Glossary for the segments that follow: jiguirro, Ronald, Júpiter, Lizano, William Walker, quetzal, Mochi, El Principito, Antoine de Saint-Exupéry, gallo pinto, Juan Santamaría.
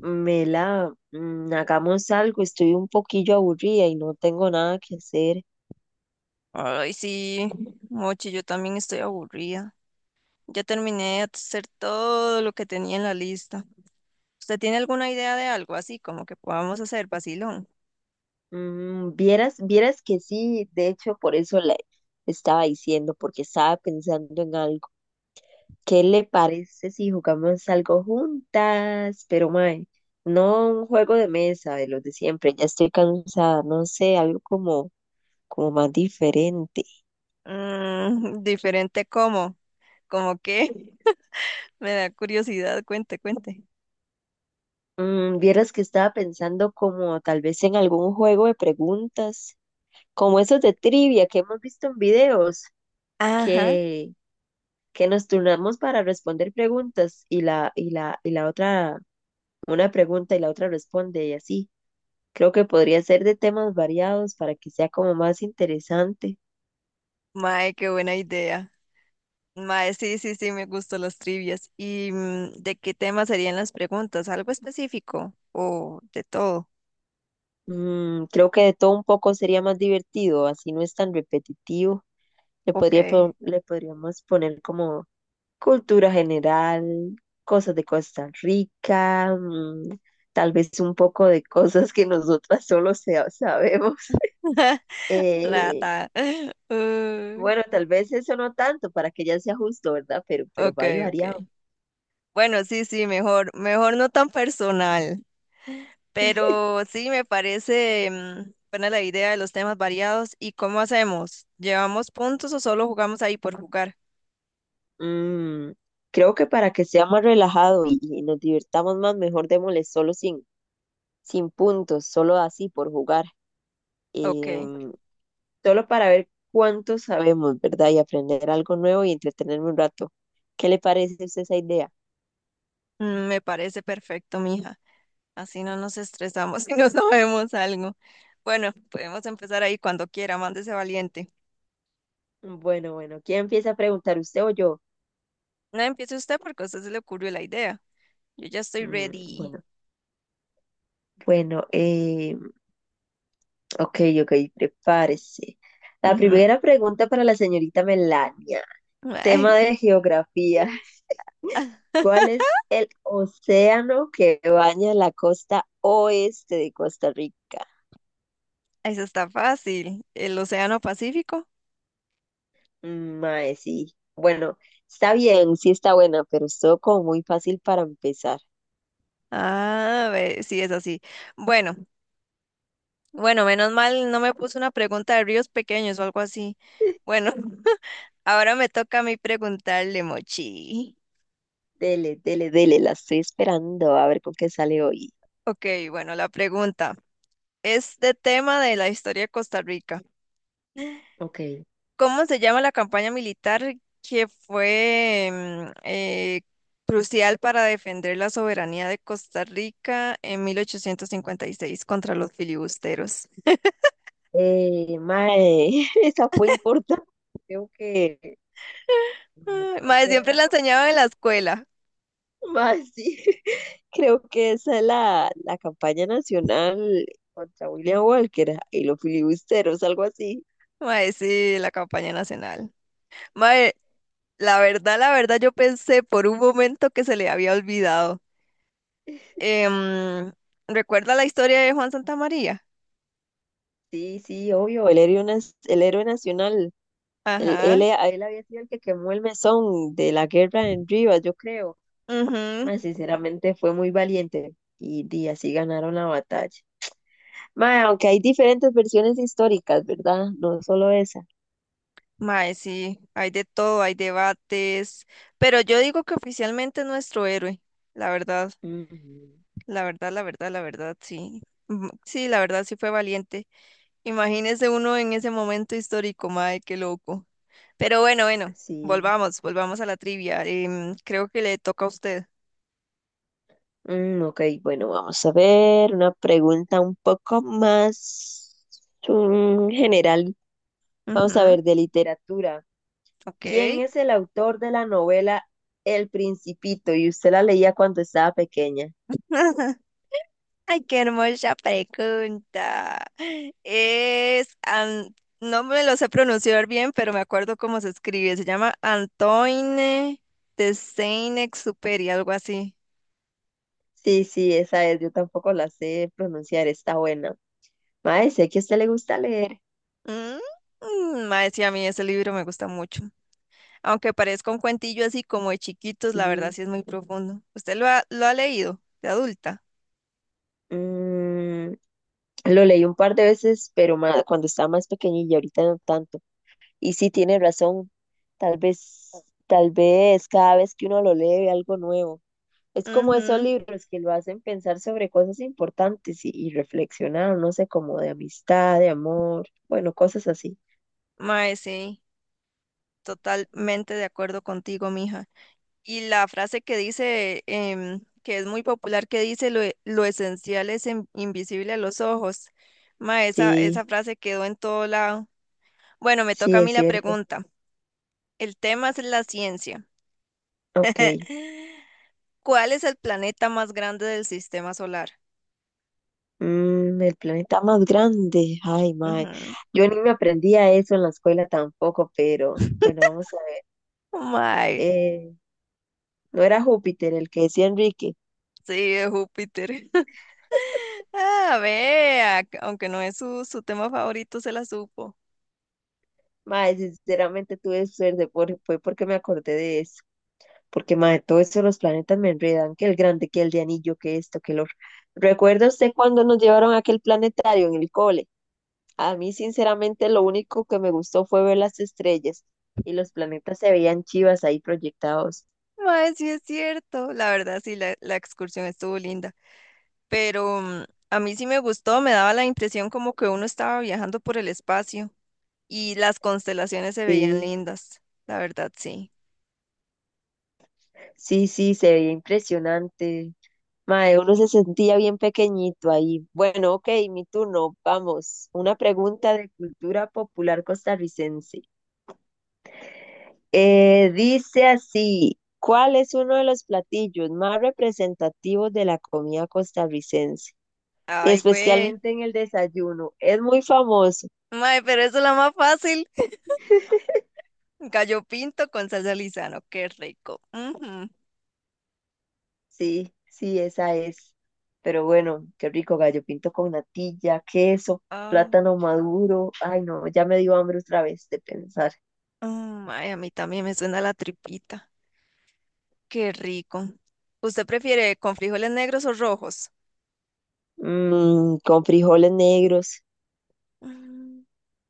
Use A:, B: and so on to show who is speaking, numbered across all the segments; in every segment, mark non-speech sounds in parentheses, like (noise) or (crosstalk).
A: Mela, hagamos algo, estoy un poquillo aburrida y no tengo nada que hacer.
B: Ay, sí, Mochi, yo también estoy aburrida. Ya terminé de hacer todo lo que tenía en la lista. ¿Usted tiene alguna idea de algo así como que podamos hacer, vacilón?
A: Vieras que sí, de hecho por eso le estaba diciendo, porque estaba pensando en algo. ¿Qué le parece si jugamos algo juntas? Pero mae, no un juego de mesa de los de siempre, ya estoy cansada, no sé, algo como, como más diferente.
B: (laughs) Diferente cómo, como que (laughs) me da curiosidad, cuente, cuente.
A: Vieras que estaba pensando como tal vez en algún juego de preguntas, como esos de trivia que hemos visto en videos,
B: Ajá,
A: que, que nos turnamos para responder preguntas y la otra, una pregunta y la otra responde y así. Creo que podría ser de temas variados para que sea como más interesante.
B: mae, qué buena idea. Mae, sí, sí, sí, me gustan las trivias. ¿Y de qué tema serían las preguntas? ¿Algo específico o de todo?
A: Creo que de todo un poco sería más divertido, así no es tan repetitivo.
B: Ok.
A: Le podríamos poner como cultura general, cosas de Costa Rica, tal vez un poco de cosas que nosotras sabemos.
B: (laughs)
A: Eh,
B: Rata. (laughs) Uy.
A: bueno, tal vez eso no tanto para que ya sea justo, ¿verdad? Pero
B: Ok,
A: va y
B: ok.
A: variado.
B: Bueno, sí, sí, mejor, mejor no tan personal, pero sí me parece buena la idea de los temas variados. ¿Y cómo hacemos? ¿Llevamos puntos o solo jugamos ahí por jugar?
A: Mm, creo que para que sea más relajado y nos divirtamos más, mejor démosle solo sin, sin puntos, solo así por jugar.
B: Ok,
A: Em, solo para ver cuánto sabemos, ¿verdad? Y aprender algo nuevo y entretenerme un rato. ¿Qué le parece a usted esa idea?
B: me parece perfecto, mija. Así no nos estresamos (laughs) y no sabemos algo. Bueno, podemos empezar ahí cuando quiera, mándese valiente.
A: Bueno, bueno, ¿quién empieza a preguntar, usted o yo?
B: No empiece usted porque a usted se le ocurrió la idea. Yo ya estoy ready.
A: Bueno, bueno, ok, ok, prepárese. La
B: Ujú.
A: primera pregunta para la señorita Melania,
B: (laughs)
A: tema
B: Ay,
A: de geografía. (laughs)
B: ah,
A: ¿Cuál es el océano que baña la costa oeste de Costa Rica?
B: eso está fácil. ¿El Océano Pacífico?
A: Mae, sí. Bueno, está bien, sí está buena, pero estuvo como muy fácil para empezar.
B: Ah, ve, sí, es así. Bueno, bueno, menos mal no me puso una pregunta de ríos pequeños o algo así.
A: (laughs)
B: Bueno, (laughs) ahora me toca a mí preguntarle, Mochi.
A: Dele, dele, dele, la estoy esperando a ver con qué sale hoy.
B: Ok, bueno, la pregunta es de tema de la historia de Costa Rica.
A: Ok.
B: ¿Cómo se llama la campaña militar que fue crucial para defender la soberanía de Costa Rica en 1856 contra los filibusteros?
A: Mae, (laughs) esa fue importante. Creo que,
B: Ay,
A: creo
B: Mae,
A: que era
B: siempre
A: la
B: la enseñaban
A: campaña.
B: en la escuela.
A: Mae, sí, (laughs) creo que esa es la campaña nacional contra William Walker y los filibusteros, algo así.
B: Mae, sí, la campaña nacional. Mae, la verdad, yo pensé por un momento que se le había olvidado. Em, ¿Recuerda la historia de Juan Santamaría?
A: Sí, sí, obvio, el héroe nacional.
B: Ajá.
A: A él había sido el que quemó el mesón de la guerra en Rivas, yo creo.
B: Mhm.
A: Mae, sinceramente fue muy valiente y, di, así ganaron la batalla. Mae, aunque hay diferentes versiones históricas, ¿verdad? No solo esa.
B: Mae, sí, hay de todo, hay debates, pero yo digo que oficialmente es nuestro héroe. La verdad,
A: Ujú.
B: la verdad, la verdad, la verdad, sí. Mm, sí, la verdad, sí fue valiente. Imagínese uno en ese momento histórico, mae, qué loco. Pero bueno, bueno,
A: Sí.
B: volvamos, volvamos a la trivia. Creo que le toca a usted.
A: Ok, bueno, vamos a ver una pregunta un poco más general. Vamos a ver,
B: Ujú,
A: de literatura.
B: ok.
A: ¿Quién es el autor de la novela El Principito? Y usted la leía cuando estaba pequeña.
B: (laughs) Ay, qué hermosa pregunta. Es, an- no me lo sé pronunciar bien, pero me acuerdo cómo se escribe. Se llama Antoine de Saint-Exupéry, algo así.
A: Sí, sí, esa es. Yo tampoco la sé pronunciar. Está buena. Mae, sé que a usted le gusta leer.
B: Mm, Mae, sí, a mí ese libro me gusta mucho. Aunque parezca un cuentillo así como de chiquitos, la verdad
A: Sí.
B: sí es muy profundo. ¿Usted lo ha leído de adulta?
A: Mm, lo leí un par de veces, pero cuando estaba más pequeñilla, ahorita no tanto. Y sí, tiene razón. Tal vez, tal vez cada vez que uno lo lee ve algo nuevo. Es como esos
B: Ujú.
A: libros que lo hacen pensar sobre cosas importantes y reflexionar, no sé, como de amistad, de amor, bueno, cosas así.
B: Mae, sí, totalmente de acuerdo contigo, mija. Y la frase que dice, que es muy popular, que dice lo esencial es invisible a los ojos. Ma, esa,
A: Sí,
B: esa frase quedó en todo lado. Bueno, me toca
A: sí,
B: a
A: es
B: mí la
A: cierto.
B: pregunta. El tema es la ciencia. (laughs)
A: Ok.
B: ¿Cuál es el planeta más grande del sistema solar?
A: El planeta más grande. Ay, mae.
B: Ujú.
A: Yo ni me aprendía eso en la escuela tampoco, pero bueno, vamos a ver.
B: Mae,
A: Eh, No era Júpiter el que decía Enrique.
B: sí, es Júpiter. (laughs) Ah, vea, que aunque no es su tema favorito, se la supo.
A: Mae, sinceramente tuve suerte, por, fue porque me acordé de eso. Porque, mae, todo eso de los planetas me enredan, que el grande, que el de anillo, que esto, que lo... ¿Recuerda usted cuando nos llevaron a aquel planetario en el cole? A mí, sinceramente, lo único que me gustó fue ver las estrellas y los planetas se veían chivas ahí proyectados.
B: Mae, sí es cierto. La verdad, sí, la excursión estuvo linda. Pero a mí sí me gustó, me daba la impresión como que uno estaba viajando por el espacio y las constelaciones se veían
A: Sí,
B: lindas, la verdad sí.
A: sí, sí, se veía impresionante. Mae, uno se sentía bien pequeñito ahí. Bueno, ok, mi turno. Vamos. Una pregunta de cultura popular costarricense. Dice así, ¿cuál es uno de los platillos más representativos de la comida costarricense?
B: Ay, güey.
A: Especialmente en el desayuno. Es muy famoso.
B: Mae, pero eso es la más fácil. (laughs) Gallo pinto con salsa Lizano, qué rico. Ujú.
A: Sí, sí, esa es. Pero bueno, qué rico gallo pinto con natilla, queso,
B: Ah,
A: plátano maduro. Ay, no, ya me dio hambre otra vez de pensar.
B: ay, a mí también me suena la tripita, qué rico. ¿Usted prefiere con frijoles negros o rojos?
A: Con frijoles negros.
B: Mm,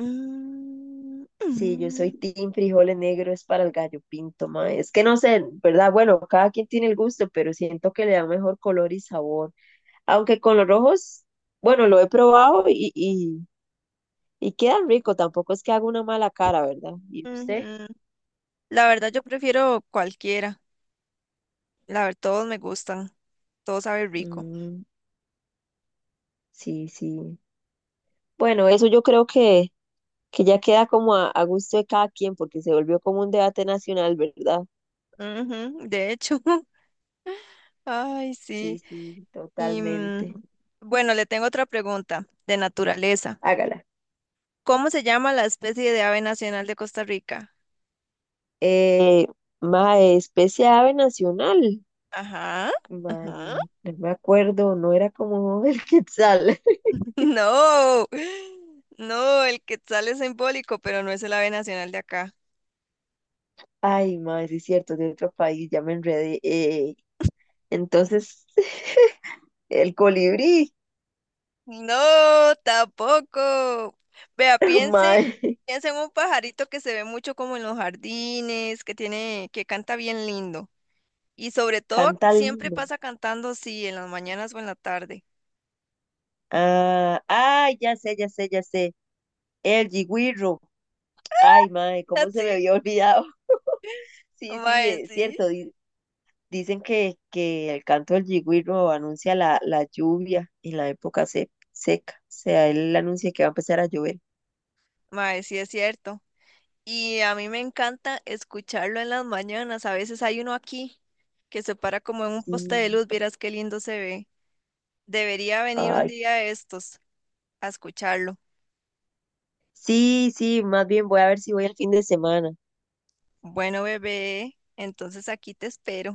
B: mm,
A: Sí, yo soy
B: mm,
A: team frijoles negros para el gallo pinto, ma. Es que no sé, ¿verdad? Bueno, cada quien tiene el gusto, pero siento que le da mejor color y sabor. Aunque con los rojos, bueno, lo he probado y quedan rico. Tampoco es que haga una mala cara, ¿verdad? ¿Y
B: mm,
A: usted?
B: Ujú. La verdad yo prefiero cualquiera. La verdad, todos me gustan, todos saben rico.
A: Mm, sí, sí. Bueno, eso yo creo que ya queda como a gusto de cada quien, porque se volvió como un debate nacional, ¿verdad?
B: Ujú, de hecho, (laughs) ay,
A: Sí,
B: sí.
A: sí,
B: Y
A: totalmente.
B: bueno, le tengo otra pregunta de naturaleza.
A: Hágala.
B: ¿Cómo se llama la especie de ave nacional de Costa Rica?
A: Eh, mae, especie de ave nacional.
B: Ajá,
A: Mae,
B: ajá.
A: no me acuerdo, no era como el quetzal. (laughs)
B: (laughs) No, no, el quetzal es simbólico, pero no es el ave nacional de acá.
A: Ay, mae, sí es cierto, de otro país, ya me enredé. Entonces, (laughs) el colibrí,
B: No, tampoco. Vea,
A: (laughs)
B: piense,
A: mae,
B: piense en un pajarito que se ve mucho como en los jardines, que tiene, que canta bien lindo. Y sobre todo,
A: canta
B: siempre
A: lindo.
B: pasa cantando, sí, en las mañanas o en la tarde.
A: Ah, ay, ya sé, ya sé, ya sé. El jiguirro. Ay, mae, cómo
B: (laughs)
A: se me
B: Sí,
A: había olvidado. (laughs) Sí, sí,
B: mae,
A: es
B: sí.
A: cierto, dicen que el canto del yigüiro anuncia la lluvia en la seca. O sea, él anuncia que va a empezar a llover.
B: Mae, sí es cierto. Y a mí me encanta escucharlo en las mañanas. A veces hay uno aquí que se para como en un poste de
A: Sí.
B: luz. Vieras qué lindo se ve. Debería venir un
A: Ay,
B: día de estos a escucharlo.
A: sí, sí, más bien voy a ver si voy el fin de semana.
B: Bueno, bebé, entonces aquí te espero.